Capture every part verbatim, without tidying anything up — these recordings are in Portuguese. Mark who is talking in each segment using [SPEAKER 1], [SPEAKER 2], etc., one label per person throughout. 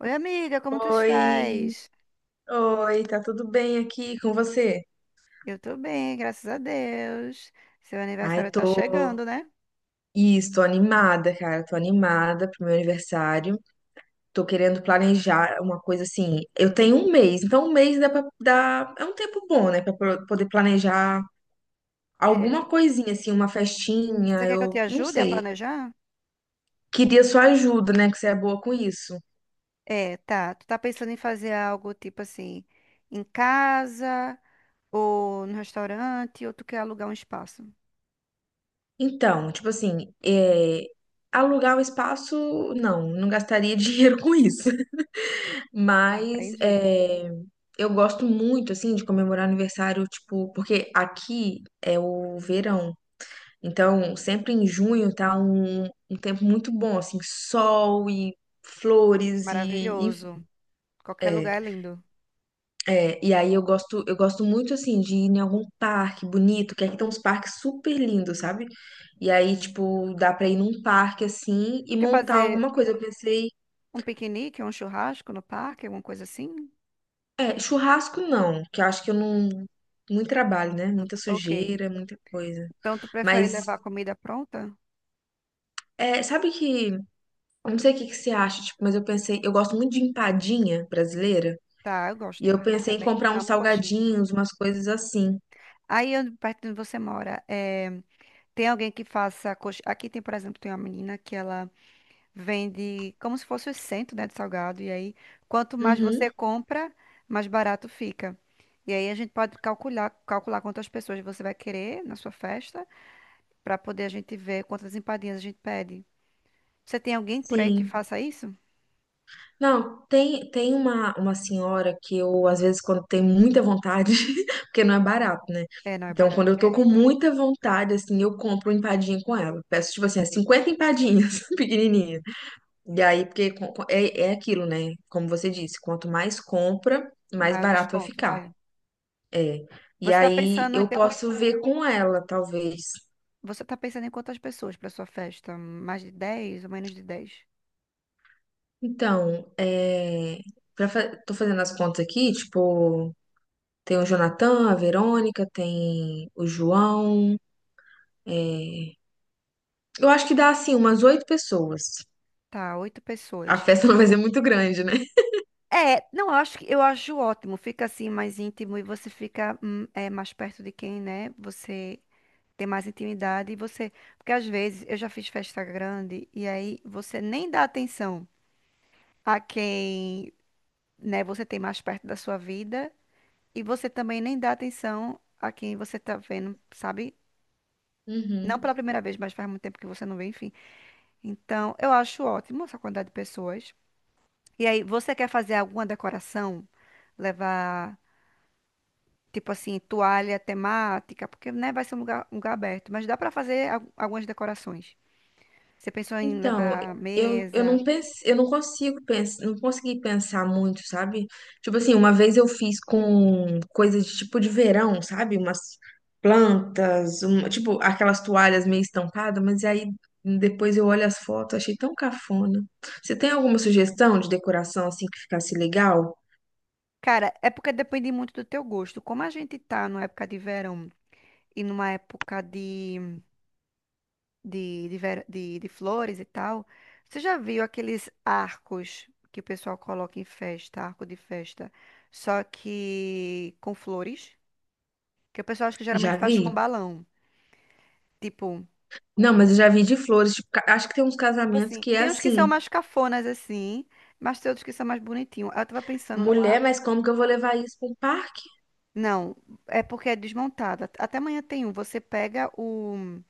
[SPEAKER 1] Oi, amiga, como tu
[SPEAKER 2] Oi,
[SPEAKER 1] estás?
[SPEAKER 2] oi, tá tudo bem aqui com você?
[SPEAKER 1] Eu tô bem, graças a Deus. Seu
[SPEAKER 2] Ai,
[SPEAKER 1] aniversário tá
[SPEAKER 2] tô.
[SPEAKER 1] chegando, né?
[SPEAKER 2] Isso, tô animada, cara. Tô animada pro meu aniversário. Tô querendo planejar uma coisa assim. Eu tenho um mês, então um mês dá pra dá... É um tempo bom, né? Pra pro- poder planejar
[SPEAKER 1] É.
[SPEAKER 2] alguma coisinha, assim, uma festinha.
[SPEAKER 1] Você quer que eu te
[SPEAKER 2] Eu não
[SPEAKER 1] ajude a
[SPEAKER 2] sei.
[SPEAKER 1] planejar?
[SPEAKER 2] Queria sua ajuda, né? Que você é boa com isso.
[SPEAKER 1] É, tá. Tu tá pensando em fazer algo tipo assim, em casa, ou no restaurante, ou tu quer alugar um espaço?
[SPEAKER 2] Então, tipo assim, é... alugar o espaço, não, não gastaria dinheiro com isso. Mas
[SPEAKER 1] Compreendido.
[SPEAKER 2] é, eu gosto muito, assim, de comemorar aniversário, tipo, porque aqui é o verão. Então, sempre em junho tá um, um tempo muito bom, assim, sol e flores e,
[SPEAKER 1] Maravilhoso.
[SPEAKER 2] enfim.
[SPEAKER 1] Qualquer
[SPEAKER 2] É,
[SPEAKER 1] lugar é lindo.
[SPEAKER 2] é, e aí eu gosto, eu gosto muito, assim, de ir em algum parque bonito, que aqui tem uns parques super lindos, sabe? E aí, tipo, dá pra ir num parque, assim, e
[SPEAKER 1] Quer
[SPEAKER 2] montar
[SPEAKER 1] fazer
[SPEAKER 2] alguma coisa. Eu pensei.
[SPEAKER 1] um piquenique, um churrasco no parque, alguma coisa assim?
[SPEAKER 2] É, churrasco não, que eu acho que eu não. Muito trabalho, né?
[SPEAKER 1] Não-
[SPEAKER 2] Muita
[SPEAKER 1] ok.
[SPEAKER 2] sujeira, muita coisa.
[SPEAKER 1] Então, tu prefere
[SPEAKER 2] Mas,
[SPEAKER 1] levar comida pronta?
[SPEAKER 2] é, sabe que. Eu Não sei o que que você acha, tipo, mas eu pensei. Eu gosto muito de empadinha brasileira.
[SPEAKER 1] Tá, eu gosto
[SPEAKER 2] E
[SPEAKER 1] de
[SPEAKER 2] eu
[SPEAKER 1] painha
[SPEAKER 2] pensei em
[SPEAKER 1] também.
[SPEAKER 2] comprar uns
[SPEAKER 1] Amo coxinha.
[SPEAKER 2] salgadinhos, umas coisas assim.
[SPEAKER 1] Aí, onde- perto de onde você mora, eh, tem alguém que faça coxa... Aqui tem, por exemplo, tem uma menina que ela vende como se fosse o cento, né, de salgado. E aí, quanto mais você
[SPEAKER 2] Uhum,
[SPEAKER 1] compra, mais barato fica. E aí a gente pode calcular, calcular quantas pessoas você vai querer na sua festa, para poder a gente ver quantas empadinhas a gente pede. Você tem alguém por aí que
[SPEAKER 2] sim.
[SPEAKER 1] faça isso?
[SPEAKER 2] Não, tem, tem uma, uma senhora que eu, às vezes, quando tem muita vontade, porque não é barato, né?
[SPEAKER 1] É, não é
[SPEAKER 2] Então, quando
[SPEAKER 1] barato.
[SPEAKER 2] eu tô com muita vontade, assim, eu compro empadinha com ela. Peço, tipo assim, é cinquenta empadinhas pequenininhas. E aí, porque com- com- é, é aquilo, né? Como você disse, quanto mais compra, mais
[SPEAKER 1] Maior
[SPEAKER 2] barato vai
[SPEAKER 1] desconto.
[SPEAKER 2] ficar.
[SPEAKER 1] É.
[SPEAKER 2] É. E
[SPEAKER 1] Você tá
[SPEAKER 2] aí
[SPEAKER 1] pensando em
[SPEAKER 2] eu
[SPEAKER 1] ter... quan-
[SPEAKER 2] posso ver com ela, talvez.
[SPEAKER 1] Você tá pensando em quantas pessoas para sua festa? Mais de dez ou menos de dez?
[SPEAKER 2] Então, é, pra fa- tô fazendo as contas aqui, tipo, tem o Jonathan, a Verônica, tem o João. é. Eu acho que dá, assim, umas oito pessoas.
[SPEAKER 1] Tá, oito
[SPEAKER 2] A
[SPEAKER 1] pessoas.
[SPEAKER 2] festa não vai ser muito grande, né?
[SPEAKER 1] É, não, eu acho que eu acho ótimo. Fica assim mais íntimo e você fica hum, é, mais perto de quem, né? Você tem mais intimidade e você, porque às vezes eu já fiz festa grande e aí você nem dá atenção a quem, né? Você tem mais perto da sua vida e você também nem dá atenção a quem você tá vendo, sabe? Não
[SPEAKER 2] Uhum.
[SPEAKER 1] pela primeira vez, mas faz muito tempo que você não vê, enfim. Então, eu acho ótimo essa quantidade de pessoas. E aí, você quer fazer alguma decoração? Levar tipo assim, toalha temática, porque, né, vai ser um lugar, um lugar aberto. Mas dá pra fazer al- algumas decorações. Você pensou em
[SPEAKER 2] Então,
[SPEAKER 1] levar
[SPEAKER 2] eu, eu
[SPEAKER 1] mesa?
[SPEAKER 2] não pensei, eu não consigo pensar, não consegui pensar muito, sabe? Tipo assim, uma vez eu fiz com coisas de tipo de verão, sabe? Umas plantas, um- tipo aquelas toalhas meio estampadas, mas aí depois eu olho as fotos, achei tão cafona. Você tem alguma sugestão de decoração assim que ficasse legal?
[SPEAKER 1] Cara, é porque depende muito do teu gosto. Como a gente tá numa época de verão e numa época de, de, de, ver- de- de flores e tal, você já viu aqueles arcos que o pessoal coloca em festa, arco de festa, só que com flores? Que o pessoal acho que
[SPEAKER 2] Já
[SPEAKER 1] geralmente faz
[SPEAKER 2] vi?
[SPEAKER 1] com balão. Tipo.
[SPEAKER 2] Não, mas eu já vi de flores, tipo, ca- acho que tem uns
[SPEAKER 1] Tipo
[SPEAKER 2] casamentos
[SPEAKER 1] assim,
[SPEAKER 2] que é
[SPEAKER 1] tem uns que são
[SPEAKER 2] assim,
[SPEAKER 1] mais cafonas assim, mas tem outros que são mais bonitinhos. Aí eu tava pensando no.
[SPEAKER 2] mulher, mas como que eu vou levar isso para um parque?
[SPEAKER 1] Não, é porque é desmontado. At- Até amanhã tem um. Você pega o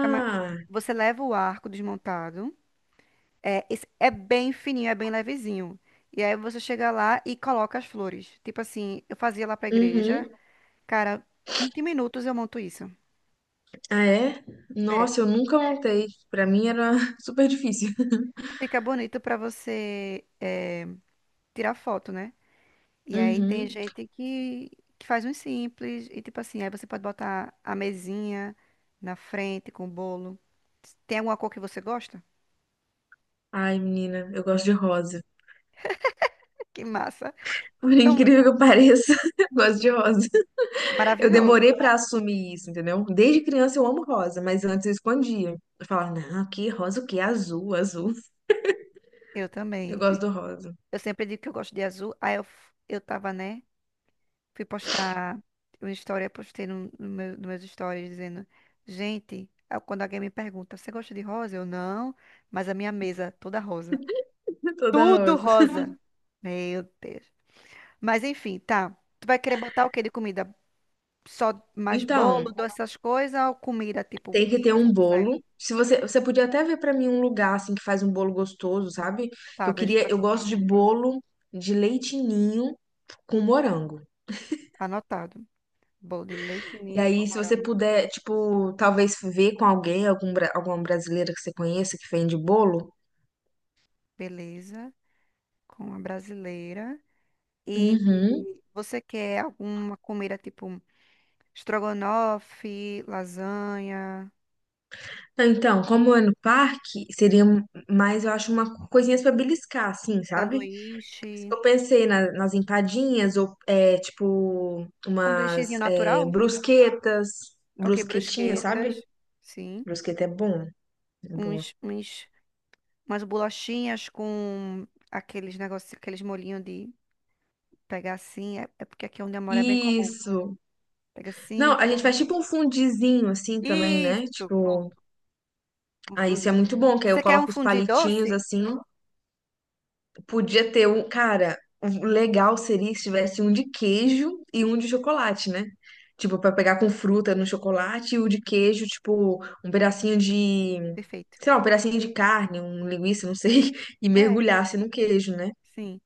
[SPEAKER 1] cama- Você leva o arco desmontado. É, esse- é bem fininho, é bem levezinho. E aí você chega lá e coloca as flores. Tipo assim, eu fazia lá pra igreja.
[SPEAKER 2] uhum.
[SPEAKER 1] Cara, vinte minutos eu monto isso.
[SPEAKER 2] Ah, é?
[SPEAKER 1] É,
[SPEAKER 2] Nossa, eu nunca montei. Pra mim era super difícil.
[SPEAKER 1] fica bonito pra você é, tirar foto, né? E aí tem
[SPEAKER 2] Uhum.
[SPEAKER 1] gente que, que faz uns simples e tipo assim, aí você pode botar a mesinha na frente com o bolo. Tem alguma cor que você gosta?
[SPEAKER 2] Ai, menina, eu gosto de rosa.
[SPEAKER 1] Que massa.
[SPEAKER 2] Por
[SPEAKER 1] Então,
[SPEAKER 2] incrível que pareça, eu gosto de rosa. Eu
[SPEAKER 1] maravilhoso.
[SPEAKER 2] demorei pra assumir isso, entendeu? Desde criança eu amo rosa, mas antes eu escondia. Eu falava, não, que rosa o quê? Azul, azul.
[SPEAKER 1] Eu
[SPEAKER 2] Eu
[SPEAKER 1] também.
[SPEAKER 2] gosto
[SPEAKER 1] E
[SPEAKER 2] do rosa.
[SPEAKER 1] eu sempre digo que eu gosto de azul. Aí eu, f- eu tava, né? Fui postar uma história, postei no, no meu, nos meus stories dizendo, gente, aí quando alguém me pergunta, você gosta de rosa? Eu não, mas a minha mesa é toda rosa.
[SPEAKER 2] Toda
[SPEAKER 1] Tudo
[SPEAKER 2] rosa.
[SPEAKER 1] rosa. Meu Deus. Mas enfim, tá. Tu vai querer botar o quê de comida? Só mais bolo,
[SPEAKER 2] Então,
[SPEAKER 1] doce, essas coisas ou comida tipo
[SPEAKER 2] tem que ter
[SPEAKER 1] pizza,
[SPEAKER 2] um
[SPEAKER 1] coisa?
[SPEAKER 2] bolo. Se você, você podia até ver pra mim um lugar assim que faz um bolo gostoso, sabe?
[SPEAKER 1] Tá,
[SPEAKER 2] Eu
[SPEAKER 1] vejo
[SPEAKER 2] queria,
[SPEAKER 1] pra
[SPEAKER 2] eu
[SPEAKER 1] tu.
[SPEAKER 2] gosto de bolo de leite ninho com morango.
[SPEAKER 1] Anotado. Bolo de leite
[SPEAKER 2] E
[SPEAKER 1] ninho com
[SPEAKER 2] aí, se você
[SPEAKER 1] morango.
[SPEAKER 2] puder, tipo, talvez ver com alguém, algum, bra- alguma brasileira que você conheça que vende bolo.
[SPEAKER 1] Beleza. Com a brasileira. E
[SPEAKER 2] Uhum.
[SPEAKER 1] você quer alguma comida tipo estrogonofe, lasanha,
[SPEAKER 2] Então, como é no parque, seria mais, eu acho, uma coisinhas pra beliscar, assim, sabe? Por isso
[SPEAKER 1] sanduíche?
[SPEAKER 2] que Eu pensei na- nas empadinhas, ou, é, tipo, umas
[SPEAKER 1] Sanduíchezinho
[SPEAKER 2] é,
[SPEAKER 1] natural?
[SPEAKER 2] brusquetas,
[SPEAKER 1] Ok,
[SPEAKER 2] brusquetinha, sabe?
[SPEAKER 1] brusquetas. Sim.
[SPEAKER 2] Brusqueta é bom, é boa.
[SPEAKER 1] Uns, uns umas bolachinhas com aqueles negócios, aqueles molhinhos de pegar assim. É, é porque aqui onde eu moro é bem comum.
[SPEAKER 2] Isso.
[SPEAKER 1] Pega
[SPEAKER 2] Não,
[SPEAKER 1] assim,
[SPEAKER 2] a gente faz
[SPEAKER 1] come.
[SPEAKER 2] tipo um fundizinho assim também, né?
[SPEAKER 1] Isso,
[SPEAKER 2] Tipo,
[SPEAKER 1] pronto. Um
[SPEAKER 2] ah, isso é
[SPEAKER 1] fundi.
[SPEAKER 2] muito bom, que aí eu
[SPEAKER 1] Você quer um
[SPEAKER 2] coloco os
[SPEAKER 1] fundi
[SPEAKER 2] palitinhos
[SPEAKER 1] doce?
[SPEAKER 2] assim. Podia ter um. Cara, o legal seria se tivesse um de queijo e um de chocolate, né? Tipo, pra pegar com fruta no chocolate e o de queijo, tipo, um pedacinho de.
[SPEAKER 1] Perfeito.
[SPEAKER 2] Sei lá, um pedacinho de carne, um linguiça, não sei, e
[SPEAKER 1] É,
[SPEAKER 2] mergulhasse no queijo, né?
[SPEAKER 1] sim.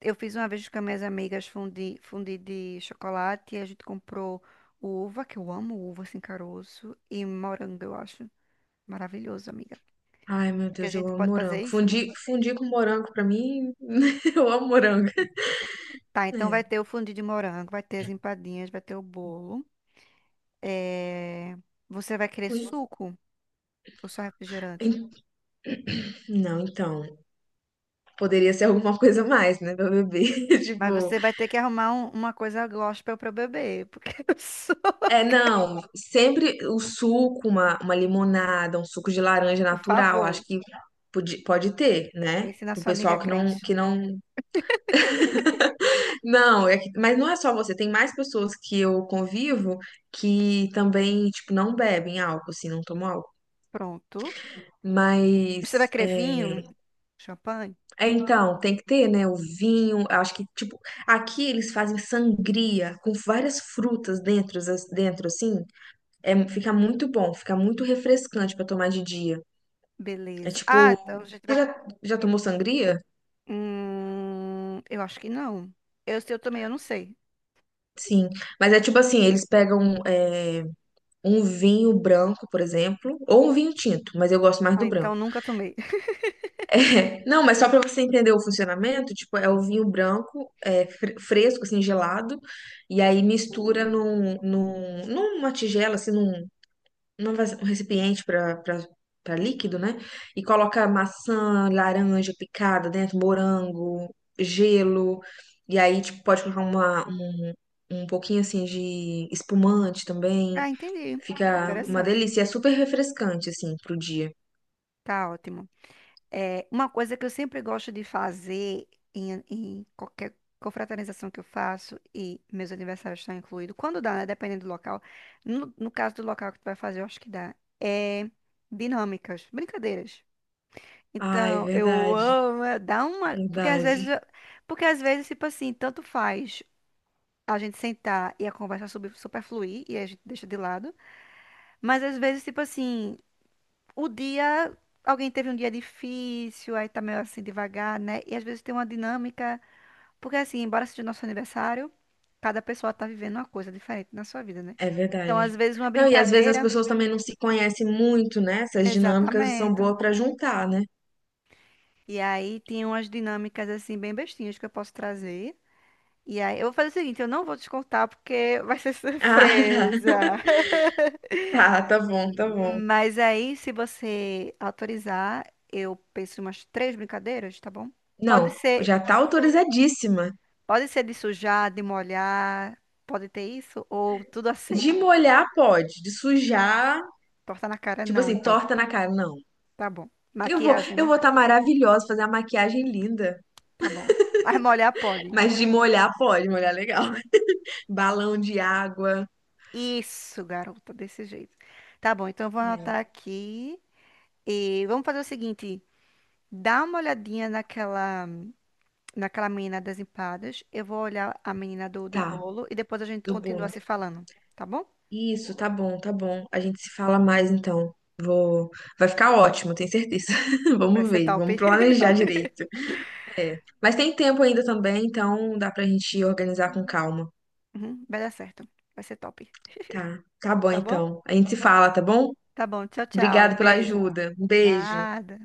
[SPEAKER 1] Eu fiz uma vez com as minhas amigas fundi, fundi de chocolate e a gente comprou uva, que eu amo uva sem caroço, e morango, eu acho. Maravilhoso, amiga.
[SPEAKER 2] Ai, meu
[SPEAKER 1] Que a
[SPEAKER 2] Deus, eu
[SPEAKER 1] gente
[SPEAKER 2] amo
[SPEAKER 1] pode fazer
[SPEAKER 2] morango.
[SPEAKER 1] isso?
[SPEAKER 2] Fundir, fundir com morango, pra mim, eu amo morango.
[SPEAKER 1] Tá, então vai
[SPEAKER 2] É.
[SPEAKER 1] ter o fundi de morango, vai ter as empadinhas, vai ter o bolo. É, você vai querer
[SPEAKER 2] Fun-
[SPEAKER 1] suco ou só refrigerante?
[SPEAKER 2] en- Não, então, poderia ser alguma coisa a mais, né, pra beber.
[SPEAKER 1] Mas
[SPEAKER 2] Tipo,
[SPEAKER 1] você vai ter que arrumar um- uma coisa gospel pra eu beber, porque eu sou...
[SPEAKER 2] é, não, sempre o suco, uma, uma limonada, um suco de laranja
[SPEAKER 1] Por
[SPEAKER 2] natural, acho
[SPEAKER 1] favor,
[SPEAKER 2] que pode, pode ter, né?
[SPEAKER 1] pense na
[SPEAKER 2] Pro
[SPEAKER 1] sua amiga
[SPEAKER 2] pessoal que não,
[SPEAKER 1] crente.
[SPEAKER 2] que não. Não, é que- mas não é só você, tem mais pessoas que eu convivo que também, tipo, não bebem álcool, assim, não tomam álcool.
[SPEAKER 1] Pronto. Você vai
[SPEAKER 2] Mas,
[SPEAKER 1] querer
[SPEAKER 2] é,
[SPEAKER 1] vinho? Champanhe?
[SPEAKER 2] é, então, tem que ter, né, o vinho, acho que, tipo, aqui eles fazem sangria com várias frutas dentro, as- dentro assim, é, fica muito bom, fica muito refrescante pra tomar de dia. É
[SPEAKER 1] Beleza.
[SPEAKER 2] tipo.
[SPEAKER 1] Ah, então a gente
[SPEAKER 2] Você
[SPEAKER 1] vai...
[SPEAKER 2] já, já tomou sangria?
[SPEAKER 1] Hum, eu acho que não. Eu, se eu tomei, eu não sei.
[SPEAKER 2] Sim. Mas é tipo assim, eles pegam é, um vinho branco, por exemplo, ou um vinho tinto, mas eu gosto mais
[SPEAKER 1] Ah,
[SPEAKER 2] do
[SPEAKER 1] então
[SPEAKER 2] branco.
[SPEAKER 1] nunca tomei.
[SPEAKER 2] Não, mas só pra você entender o funcionamento, tipo, é o vinho branco, é, fre- fresco, assim, gelado, e aí mistura num, num, numa tigela, assim, num não vai, um recipiente para para líquido, né? E coloca maçã, laranja picada dentro, morango, gelo. E aí, tipo, pode colocar uma, um, um pouquinho assim de espumante também.
[SPEAKER 1] Ah, entendi.
[SPEAKER 2] Fica uma
[SPEAKER 1] Interessante.
[SPEAKER 2] delícia. E É super refrescante, assim, pro dia.
[SPEAKER 1] Tá ótimo. É, uma coisa que eu sempre gosto de fazer em, em qualquer confraternização que eu faço, e meus aniversários estão incluídos, quando dá, né? Dependendo do local. No, no caso do local que tu vai fazer, eu acho que dá. É dinâmicas, brincadeiras.
[SPEAKER 2] Ah, é
[SPEAKER 1] Então, eu
[SPEAKER 2] verdade,
[SPEAKER 1] amo, é, dá uma. Porque às vezes,
[SPEAKER 2] verdade,
[SPEAKER 1] eu- porque às vezes, tipo assim, tanto faz a gente sentar e a conversa super, super fluir, e a gente deixa de lado. Mas às vezes, tipo assim o dia, alguém teve um dia difícil, aí tá meio assim devagar, né? E às vezes tem uma dinâmica, porque assim, embora seja nosso aniversário, cada pessoa tá vivendo uma coisa diferente na sua vida, né?
[SPEAKER 2] é
[SPEAKER 1] Então,
[SPEAKER 2] verdade.
[SPEAKER 1] às vezes uma
[SPEAKER 2] Não, e às vezes as
[SPEAKER 1] brincadeira,
[SPEAKER 2] pessoas também não se conhecem muito, né? Essas dinâmicas são
[SPEAKER 1] exatamente.
[SPEAKER 2] boas para juntar, né?
[SPEAKER 1] E aí tem umas dinâmicas assim bem bestinhas que eu posso trazer. E aí, eu vou fazer o seguinte, eu não vou descontar porque vai ser surpresa.
[SPEAKER 2] Ah, tá, tá, tá bom, tá bom.
[SPEAKER 1] Mas aí, se você autorizar, eu penso em umas três brincadeiras, tá bom? Pode
[SPEAKER 2] Não,
[SPEAKER 1] ser,
[SPEAKER 2] já tá autorizadíssima.
[SPEAKER 1] pode ser de sujar, de molhar, pode ter isso? Ou tudo a
[SPEAKER 2] De
[SPEAKER 1] seco?
[SPEAKER 2] molhar pode, de sujar,
[SPEAKER 1] Torta na cara
[SPEAKER 2] tipo
[SPEAKER 1] não,
[SPEAKER 2] assim,
[SPEAKER 1] então.
[SPEAKER 2] torta na cara, não.
[SPEAKER 1] Tá bom.
[SPEAKER 2] Eu vou,
[SPEAKER 1] Maquiagem,
[SPEAKER 2] eu
[SPEAKER 1] né?
[SPEAKER 2] vou estar maravilhosa, fazer a maquiagem linda,
[SPEAKER 1] Tá bom. Mas molhar pode.
[SPEAKER 2] mas de molhar pode, molhar legal. Balão de água,
[SPEAKER 1] Isso, garota, desse jeito. Tá bom, então eu vou anotar
[SPEAKER 2] né?
[SPEAKER 1] aqui. E vamos fazer o seguinte: dá uma olhadinha naquela, naquela menina das empadas. Eu vou olhar a menina do, do
[SPEAKER 2] Tá,
[SPEAKER 1] bolo e depois a gente
[SPEAKER 2] do
[SPEAKER 1] continua
[SPEAKER 2] bolo.
[SPEAKER 1] se falando, tá bom?
[SPEAKER 2] Isso, tá bom, tá bom. A gente se fala mais então. Vou, vai ficar ótimo, tenho certeza.
[SPEAKER 1] Vai
[SPEAKER 2] Vamos
[SPEAKER 1] ser
[SPEAKER 2] ver,
[SPEAKER 1] top.
[SPEAKER 2] vamos planejar direito. É. Mas tem tempo ainda também, então dá pra gente organizar com calma.
[SPEAKER 1] Uhum, vai dar certo. Vai ser top.
[SPEAKER 2] Tá, tá bom
[SPEAKER 1] Tá bom?
[SPEAKER 2] então. A gente se fala, tá bom?
[SPEAKER 1] Tá bom. Tchau, tchau.
[SPEAKER 2] Obrigada pela
[SPEAKER 1] Beijo.
[SPEAKER 2] ajuda. Um beijo.
[SPEAKER 1] Nada.